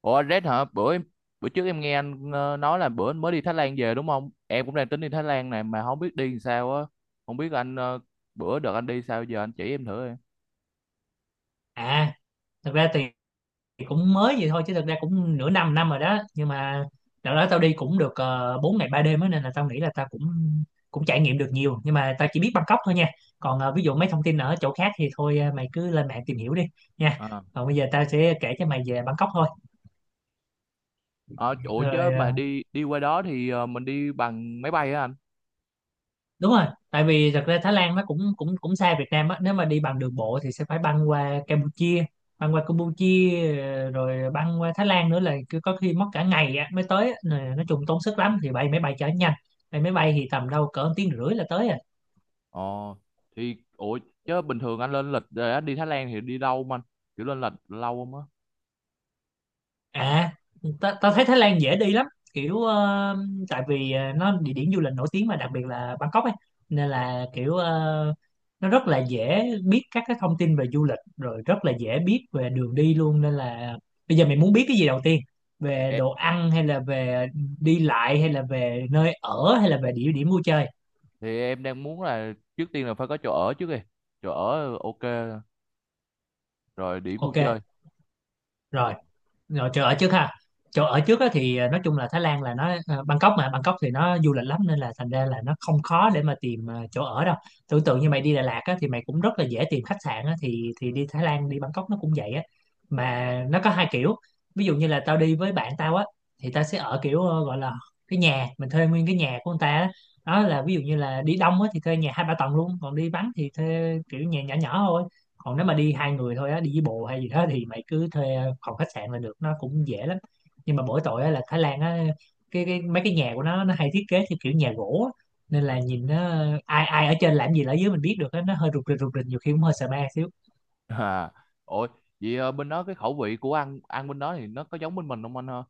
Ủa anh Red hả? Bữa trước em nghe anh nói là bữa anh mới đi Thái Lan về đúng không? Em cũng đang tính đi Thái Lan này mà không biết đi làm sao á. Không biết bữa đợt anh đi sao, giờ anh chỉ em thử em. À, thật ra thì cũng mới vậy thôi, chứ thật ra cũng nửa năm năm rồi đó. Nhưng mà đợt đó tao đi cũng được 4 ngày 3 đêm á, nên là tao nghĩ là tao cũng cũng trải nghiệm được nhiều. Nhưng mà tao chỉ biết Bangkok thôi nha. Còn ví dụ mấy thông tin ở chỗ khác thì thôi, mày cứ lên mạng tìm hiểu đi nha. À. Còn bây giờ tao sẽ kể cho mày về Bangkok thôi. Ờ, ủa chứ Rồi, mà đi đi qua đó thì mình đi bằng máy bay á anh? đúng rồi. Tại vì thật ra Thái Lan nó cũng cũng cũng xa Việt Nam á. Nếu mà đi bằng đường bộ thì sẽ phải băng qua Campuchia, băng qua Campuchia rồi băng qua Thái Lan nữa, là cứ có khi mất cả ngày á mới tới á. Nè, nói chung tốn sức lắm, thì bay máy bay chở nhanh. Bay máy bay thì tầm đâu cỡ 1 tiếng rưỡi là tới rồi. Ờ, thì ủa chứ bình thường anh lên lịch rồi anh đi Thái Lan thì đi đâu mà anh? Kiểu lên lịch lâu không á? À, ta thấy Thái Lan dễ đi lắm. Kiểu tại vì nó địa điểm du lịch nổi tiếng, mà đặc biệt là Bangkok ấy. Nên là kiểu nó rất là dễ biết các cái thông tin về du lịch, rồi rất là dễ biết về đường đi luôn. Nên là bây giờ mình muốn biết cái gì đầu tiên: về Ê. đồ ăn, hay là về đi lại, hay là về nơi ở, hay là về địa điểm vui chơi? Thì em đang muốn là trước tiên là phải có chỗ ở trước đi. Chỗ ở ok, rồi điểm vui Ok, chơi. rồi. Rồi, chỗ ở trước ha. Chỗ ở trước á thì nói chung là Thái Lan là nó Bangkok, mà Bangkok thì nó du lịch lắm, nên là thành ra là nó không khó để mà tìm chỗ ở đâu. Tưởng tượng như mày đi Đà Lạt á, thì mày cũng rất là dễ tìm khách sạn á. Thì đi Thái Lan, đi Bangkok, nó cũng vậy á. Mà nó có hai kiểu. Ví dụ như là tao đi với bạn tao á, thì tao sẽ ở kiểu gọi là cái nhà, mình thuê nguyên cái nhà của người ta á. Đó là ví dụ như là đi đông á thì thuê nhà 2 3 tầng luôn, còn đi vắng thì thuê kiểu nhà nhỏ nhỏ thôi. Còn nếu mà đi 2 người thôi á, đi với bồ hay gì đó, thì mày cứ thuê phòng khách sạn là được, nó cũng dễ lắm. Nhưng mà mỗi tội á, là Thái Lan á, cái mấy cái nhà của nó hay thiết kế theo kiểu nhà gỗ á. Nên là nhìn nó, ai ai ở trên làm gì là ở dưới mình biết được á. Nó hơi rụt rịch rụt rịch, nhiều khi cũng hơi sợ ma xíu. À, ôi, vậy bên đó cái khẩu vị của ăn ăn bên đó thì nó có giống bên mình không anh ha?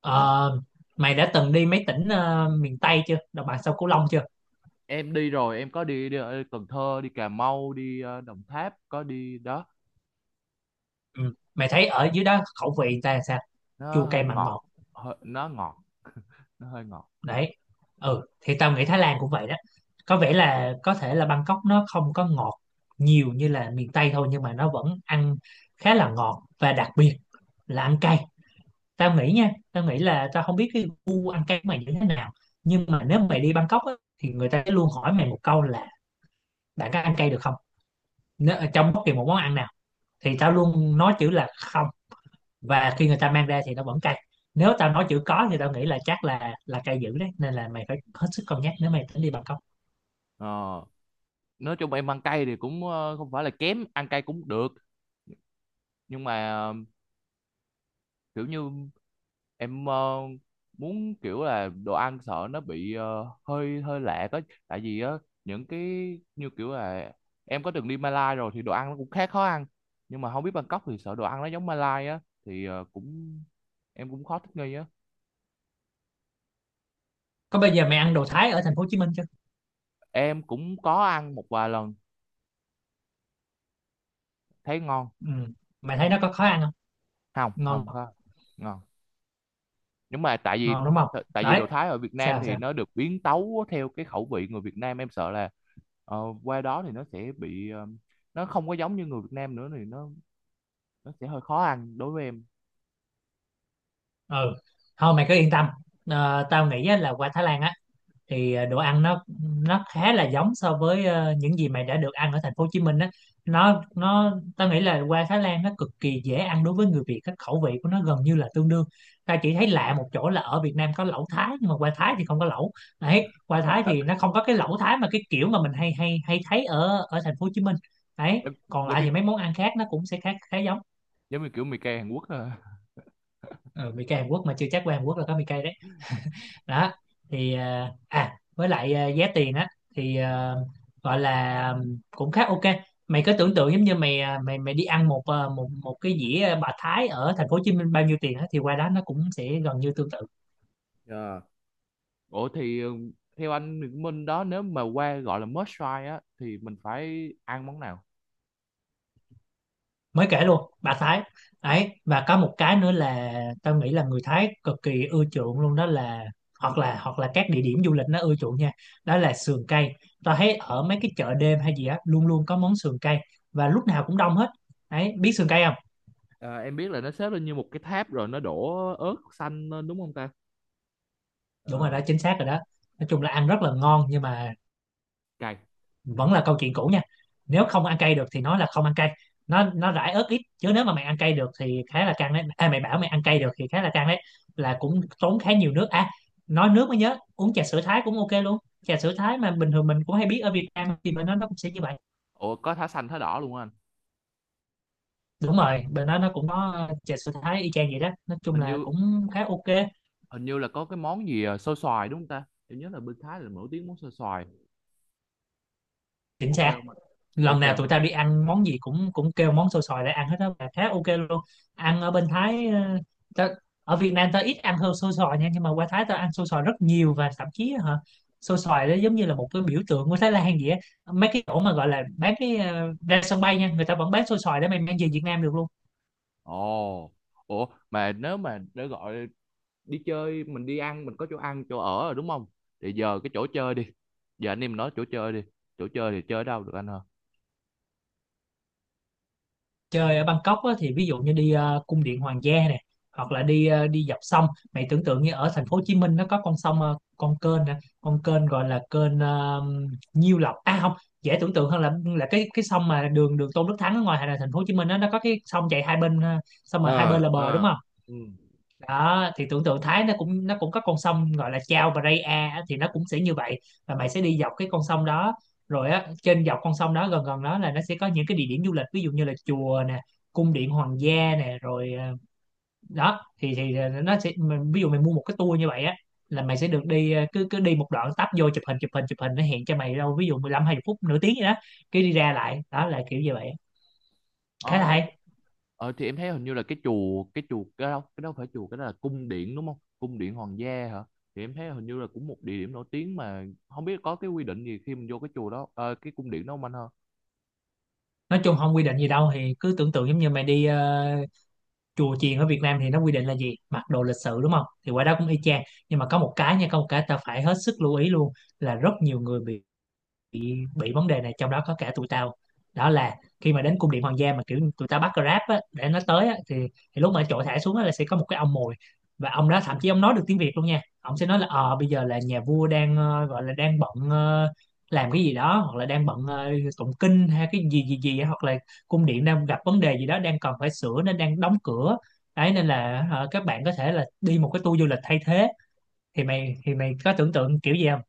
Ờ, mày đã từng đi mấy tỉnh miền Tây chưa, đồng bằng sông Cửu Long chưa? Em đi rồi, em có đi ở Cần Thơ, đi Cà Mau, đi Đồng Tháp, có đi đó. Ừ. Mày thấy ở dưới đó khẩu vị người ta làm sao? Nó Chua cay hơi mặn ngọt. ngọt. Nó ngọt. Nó hơi ngọt. Đấy. Ừ, thì tao nghĩ Thái Lan cũng vậy đó. Có vẻ là có thể là Bangkok nó không có ngọt nhiều như là miền Tây thôi, nhưng mà nó vẫn ăn khá là ngọt. Và đặc biệt là ăn cay. Tao nghĩ nha, tao nghĩ là tao không biết cái gu ăn cay của mày như thế nào. Nhưng mà nếu mày đi Bangkok á, thì người ta sẽ luôn hỏi mày một câu là: bạn có ăn cay được không. Nếu, ở trong bất kỳ một món ăn nào thì tao luôn nói chữ là không, và khi người ta mang ra thì nó vẫn cay. Nếu tao nói chữ có thì tao nghĩ là chắc là cay dữ đấy, nên là mày phải hết sức cân nhắc nếu mày tính đi Bangkok. Ờ, nói chung em ăn cay thì cũng không phải là kém ăn cay cũng được. Nhưng mà kiểu như em muốn kiểu là đồ ăn sợ nó bị hơi hơi lạ có. Tại vì á những cái như kiểu là em có từng đi Malai rồi thì đồ ăn nó cũng khá khó ăn. Nhưng mà không biết Bangkok thì sợ đồ ăn nó giống Malai á, thì ờ, cũng em cũng khó thích nghi á. Có, bây giờ mày ăn đồ Thái ở thành phố Hồ Chí Minh chưa? Em cũng có ăn một vài lần. Thấy ngon. Ừ. Mày thấy nó có khó ăn không? Không, Ngon. không có. Ngon. Nhưng mà tại vì Ngon đúng không? tại vì Đấy. đồ Thái ở Việt Nam Sao thì sao? nó được biến tấu theo cái khẩu vị người Việt Nam, em sợ là ờ, qua đó thì nó sẽ bị nó không có giống như người Việt Nam nữa, thì nó sẽ hơi khó ăn đối với em. Ừ, thôi mày cứ yên tâm. Ờ, tao nghĩ á, là qua Thái Lan á thì đồ ăn nó khá là giống so với những gì mày đã được ăn ở thành phố Hồ Chí Minh á. Nó Tao nghĩ là qua Thái Lan nó cực kỳ dễ ăn đối với người Việt, các khẩu vị của nó gần như là tương đương. Ta chỉ thấy lạ một chỗ là ở Việt Nam có lẩu Thái, nhưng mà qua Thái thì không có lẩu. Đấy, qua Thái thì nó không có cái lẩu Thái mà cái kiểu mà mình hay hay hay thấy ở ở thành phố Hồ Chí Minh. Đấy, Em- còn giống lại như thì mấy món ăn khác nó cũng sẽ khá khá giống. giống như kiểu mì cay Hàn Quốc à. Ừ, mì cay Hàn Quốc mà chưa chắc qua Hàn Quốc là có mì cay đó. Thì với lại giá tiền á thì gọi là cũng khá ok. Mày cứ tưởng tượng giống như mày đi ăn một à, một một cái dĩa bà Thái ở thành phố Hồ Chí Minh bao nhiêu tiền á, thì qua đó nó cũng sẽ gần như tương tự. Ờ. Ủa thì theo anh Nguyễn Minh đó, nếu mà qua gọi là must try á thì mình phải ăn món nào? Mới kể luôn bà Thái. Đấy và có một cái nữa là tao nghĩ là người Thái cực kỳ ưa chuộng luôn, đó là hoặc là, các địa điểm du lịch nó ưa chuộng nha, đó là sườn cây. Tao thấy ở mấy cái chợ đêm hay gì á, luôn luôn có món sườn cây, và lúc nào cũng đông hết. Đấy, biết sườn cây không? À, em biết là nó xếp lên như một cái tháp rồi nó đổ ớt xanh lên đúng không ta? Đúng rồi Ờ. đó, chính xác rồi đó. Nói chung là ăn rất là ngon, nhưng mà Cay. vẫn là câu chuyện cũ nha. Nếu không ăn cay được thì nói là không ăn cay, nó rải ớt ít chứ nếu mà mày ăn cay được thì khá là căng đấy. Mày bảo mày ăn cay được thì khá là căng đấy, là cũng tốn khá nhiều nước à. Nói nước mới nhớ, uống trà sữa Thái cũng ok luôn. Trà sữa Thái mà bình thường mình cũng hay biết ở Việt Nam, thì bên đó nó cũng sẽ như vậy. Ủa có thả xanh thả đỏ luôn hả anh? Đúng rồi, bên đó nó cũng có trà sữa Thái y chang vậy đó, nói chung Hình là như cũng khá ok. hình như là có cái món gì, xôi xoài đúng không ta? Em nhớ là bên Thái là nổi tiếng món xôi xoài. Chính Ok xác. không anh? Lần Ok nào không tụi anh? tao đi ăn món gì cũng cũng kêu món xôi xoài để ăn hết đó, và khá ok luôn. Ăn ở bên Thái, tao, ở Việt Nam tao ít ăn hơn xôi xoài nha, nhưng mà qua Thái tao ăn xôi xoài rất nhiều, và thậm chí hả, xôi xoài đó giống như là một cái biểu tượng của Thái Lan vậy á. Mấy cái chỗ mà gọi là bán cái ra sân bay nha, người ta vẫn bán xôi xoài để mày mang về Việt Nam được luôn. Ồ. Ủa mà nếu mà để gọi đi chơi, mình đi ăn, mình có chỗ ăn chỗ ở rồi đúng không, thì giờ cái chỗ chơi đi. Giờ anh em nói chỗ chơi đi. Chỗ chơi thì chơi đâu được anh hả? Chơi ở Bangkok á, thì ví dụ như đi cung điện Hoàng gia nè, hoặc là đi dọc sông. Mày tưởng tượng như ở thành phố Hồ Chí Minh nó có con sông, con kênh nè, con kênh gọi là kênh Nhiêu Lộc, à không. Dễ tưởng tượng hơn là cái sông mà đường đường Tôn Đức Thắng ở ngoài thành phố Hồ Chí Minh á, nó có cái sông chạy hai bên, xong rồi hai Ờ, bên là bờ, đúng ờ. không? Ừ. Đó thì tưởng tượng Thái nó cũng có con sông gọi là Chao Phraya á, thì nó cũng sẽ như vậy. Và mày sẽ đi dọc cái con sông đó. Rồi á, trên dọc con sông đó gần gần đó là nó sẽ có những cái địa điểm du lịch, ví dụ như là chùa nè, cung điện hoàng gia nè, rồi đó thì nó sẽ ví dụ mày mua một cái tour như vậy á, là mày sẽ được đi, cứ cứ đi một đoạn tấp vô chụp hình chụp hình chụp hình, nó hẹn cho mày đâu ví dụ 15 20 phút nửa tiếng gì đó, cái đi ra lại. Đó là kiểu như vậy, khá Ờ, là hay. Thì em thấy hình như là cái chùa, cái đâu phải chùa, cái đó là cung điện đúng không, cung điện hoàng gia hả? Thì em thấy hình như là cũng một địa điểm nổi tiếng, mà không biết có cái quy định gì khi mình vô cái chùa đó, cái cung điện đó không anh hả? Nói chung không quy định gì đâu, thì cứ tưởng tượng giống như mày đi chùa chiền ở Việt Nam thì nó quy định là gì, mặc đồ lịch sự đúng không, thì qua đó cũng y chang. Nhưng mà có một cái nha, có một cái ta phải hết sức lưu ý luôn, là rất nhiều người bị vấn đề này, trong đó có cả tụi tao. Đó là khi mà đến cung điện hoàng gia mà kiểu tụi tao bắt Grab á, để nó tới á, thì lúc mà chỗ thả xuống á, là sẽ có một cái ông mồi. Và ông đó thậm chí ông nói được tiếng Việt luôn nha. Ông sẽ nói là bây giờ là nhà vua đang gọi là đang bận, làm cái gì đó, hoặc là đang bận tụng kinh hay cái gì gì gì, hoặc là cung điện đang gặp vấn đề gì đó, đang cần phải sửa nên đang đóng cửa đấy. Nên là các bạn có thể là đi một cái tour du lịch thay thế. Thì mày có tưởng tượng kiểu gì không?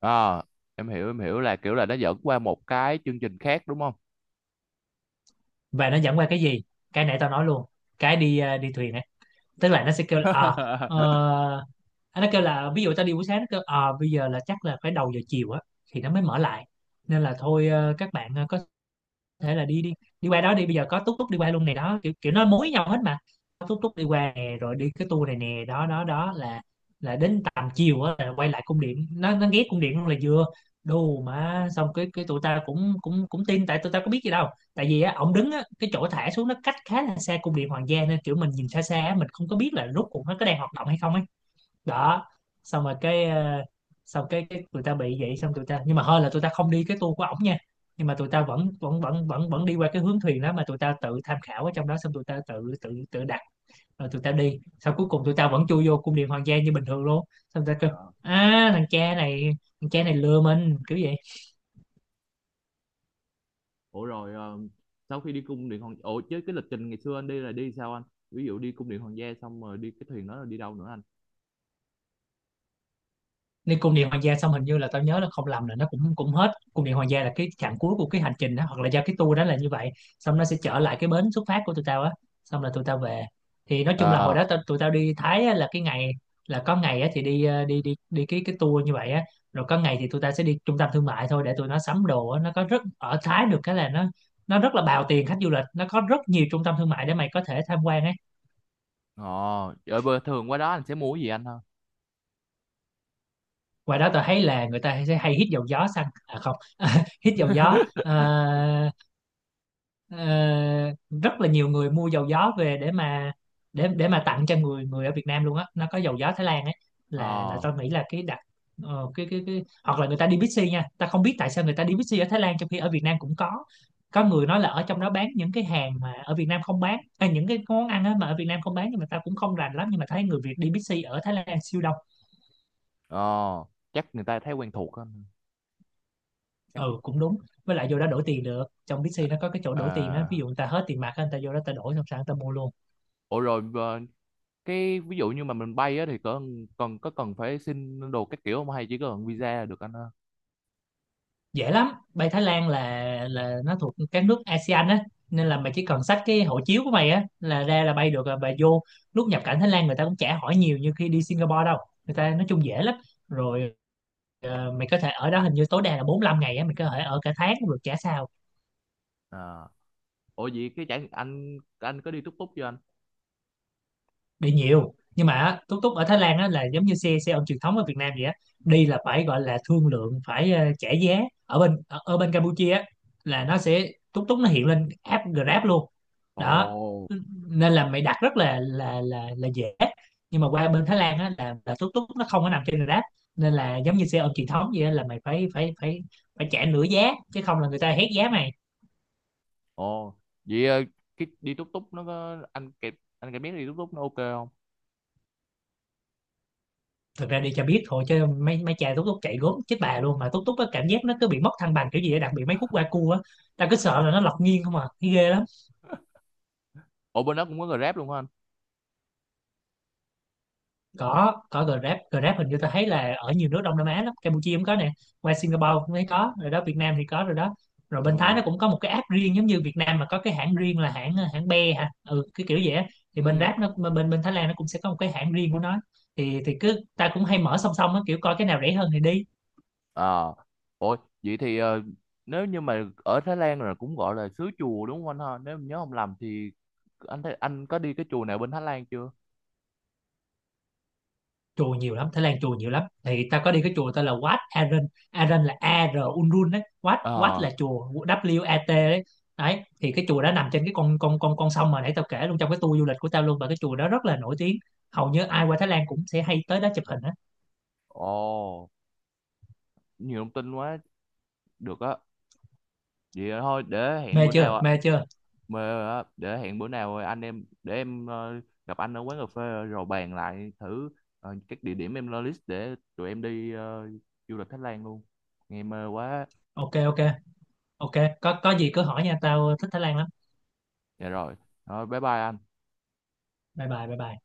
À, em hiểu là kiểu là nó dẫn qua một cái chương trình khác đúng không? Và nó dẫn qua cái gì? Cái nãy tao nói luôn, cái đi đi thuyền ấy. Tức là nó sẽ kêu là à ờ, nó kêu là ví dụ tao đi buổi sáng, nó kêu à bây giờ là chắc là phải đầu giờ chiều á, thì nó mới mở lại. Nên là thôi, các bạn có thể là đi đi đi qua đó đi, bây giờ có túc túc đi qua luôn này, đó kiểu kiểu nó mối nhau hết mà, có túc túc đi qua nè rồi đi cái tour này nè. Đó đó, đó là đến tầm chiều á là quay lại cung điện, nó ghé cung điện luôn là vừa. Đù, mà xong cái tụi ta cũng cũng cũng tin tại tụi ta có biết gì đâu. Tại vì á ổng đứng á, cái chỗ thả xuống nó cách khá là xa cung điện hoàng gia, nên kiểu mình nhìn xa xa á, mình không có biết là rốt cuộc nó có đang hoạt động hay không ấy. Đó, xong rồi cái xong cái tụi ta bị vậy, xong tụi ta nhưng mà hơi là tụi ta không đi cái tour của ổng nha, nhưng mà tụi ta vẫn vẫn vẫn vẫn vẫn đi qua cái hướng thuyền đó, mà tụi ta tự tham khảo ở trong đó, xong tụi ta tự tự tự đặt rồi tụi ta đi sau. Cuối cùng tụi ta vẫn chui vô cung điện hoàng gia như bình thường luôn. Xong tụi ta kêu à, thằng cha này, thằng cha này lừa mình kiểu vậy. Ủa rồi ờ, sau khi đi cung điện hoàng ủa chứ cái lịch trình ngày xưa anh đi là đi sao anh? Ví dụ đi cung điện hoàng gia xong rồi đi cái thuyền đó là đi đâu nữa anh? Nên cung điện hoàng gia xong, hình như là tao nhớ là không lầm là nó cũng cũng hết cung điện hoàng gia là cái chặng cuối của cái hành trình đó, hoặc là do cái tour đó là như vậy. Xong nó sẽ trở lại cái bến xuất phát của tụi tao á, xong là tụi tao về. Thì nói chung là hồi Ờ, đó tụi tao đi Thái á, là cái ngày là có ngày á, thì đi đi đi đi cái tour như vậy á. Rồi có ngày thì tụi tao sẽ đi trung tâm thương mại thôi để tụi nó sắm đồ á. Nó có rất, ở Thái được cái là nó rất là bào tiền khách du lịch, nó có rất nhiều trung tâm thương mại để mày có thể tham quan ấy. ờ. Trời bơ thường qua đó anh sẽ mua cái gì anh ha? Ngoài đó tao thấy là người ta sẽ hay hít dầu gió xăng, à không hít dầu gió. Ờ, Ờ, rất là nhiều người mua dầu gió về để mà để mà tặng cho người người ở Việt Nam luôn á, nó có dầu gió Thái Lan ấy, là Ờ, tôi nghĩ là cái đặc cái hoặc là người ta đi Bixi nha, ta không biết tại sao người ta đi Bixi ở Thái Lan trong khi ở Việt Nam cũng có. Có người nói là ở trong đó bán những cái hàng mà ở Việt Nam không bán à, những cái món ăn á mà ở Việt Nam không bán, nhưng mà ta cũng không rành lắm, nhưng mà thấy người Việt đi Bixi ở Thái Lan siêu đông. ờ. Chắc người ta thấy quen thuộc á, chắc. Ừ, cũng đúng. Với lại vô đó đổi tiền được, trong Ờ, Bixi nó có cái chỗ đổi tiền á, ví ờ, dụ người ta hết tiền mặt á, người ta vô đó ta đổi xong sẵn ta mua luôn. ủa rồi cái ví dụ như mà mình bay á thì có cần phải xin đồ các kiểu không, hay chỉ cần visa là được anh ha? Dễ lắm, bay Thái Lan là nó thuộc các nước ASEAN á, nên là mày chỉ cần xách cái hộ chiếu của mày á là ra là bay được rồi. Bà vô lúc nhập cảnh Thái Lan, người ta cũng chả hỏi nhiều như khi đi Singapore đâu, người ta nói chung dễ lắm. Rồi, mày có thể ở đó hình như tối đa là 45 ngày á, mày có thể ở cả tháng cũng được chả sao. Ờ. Ủa vậy cái chả anh có đi túc túc chưa anh? Bị nhiều, nhưng mà á, túc túc ở Thái Lan á, là giống như xe xe ôm truyền thống ở Việt Nam vậy á, đi là phải gọi là thương lượng, phải trả giá. Ở bên Campuchia á, là nó sẽ túc túc, nó hiện lên app Grab luôn. Đó, Ồ. nên là mày đặt rất là là dễ. Nhưng mà qua bên Thái Lan á, là túc túc nó không có nằm trên Grab, nên là giống như xe ôm truyền thống vậy á, là mày phải phải phải phải trả nửa giá, chứ không là người ta hét giá mày. Ồ. Vậy cái đi túc túc nó có anh kịp biết đi túc túc nó ok không? Thực ra đi cho biết thôi, chứ mấy mấy cha túc túc chạy gốm chết bà luôn, mà túc túc á, cảm giác nó cứ bị mất thăng bằng kiểu gì á, đặc biệt mấy khúc qua cua á, ta cứ sợ là nó lật nghiêng không à, thấy ghê lắm. Ủa bên đó cũng có Grab luôn hả anh? Có Grab. Hình như ta thấy là ở nhiều nước Đông Nam Á lắm, Campuchia cũng có nè, qua Singapore cũng thấy có rồi đó, Việt Nam thì có rồi đó. Rồi bên Thái Ừ. nó cũng có một cái app riêng, giống như Việt Nam mà có cái hãng riêng là hãng hãng Be hả, ừ cái kiểu vậy á. Thì bên Ừ. Grab, nó bên bên Thái Lan nó cũng sẽ có một cái hãng riêng của nó, thì cứ ta cũng hay mở song song á, kiểu coi cái nào rẻ hơn thì đi. À, ôi, vậy thì nếu như mà ở Thái Lan là cũng gọi là xứ chùa đúng không anh ha? Nếu mình nhớ không lầm thì anh thấy anh có đi cái chùa nào bên Thái Lan chưa? Chùa nhiều lắm, Thái Lan chùa nhiều lắm, thì ta có đi cái chùa tên là Wat Arun. Arun là AR Unrun đấy, Wat Wat Ờ, là chùa, WAT đấy. Đấy thì cái chùa đó nằm trên cái con sông mà nãy tao kể luôn trong cái tour du lịch của tao luôn, và cái chùa đó rất là nổi tiếng, hầu như ai qua Thái Lan cũng sẽ hay tới đó chụp hình á. ồ, nhiều thông tin quá, được á. Vậy thôi, Mê chưa, mê chưa? mà để hẹn bữa nào anh em để em gặp anh ở quán cà phê rồi bàn lại thử, các địa điểm em lo list để tụi em đi du lịch Thái Lan luôn. Nghe mơ quá. Ok ok, ok, có gì cứ hỏi nha, tao thích Thái Lan lắm. Dạ rồi rồi bye bye anh. Bye bye, bye bye.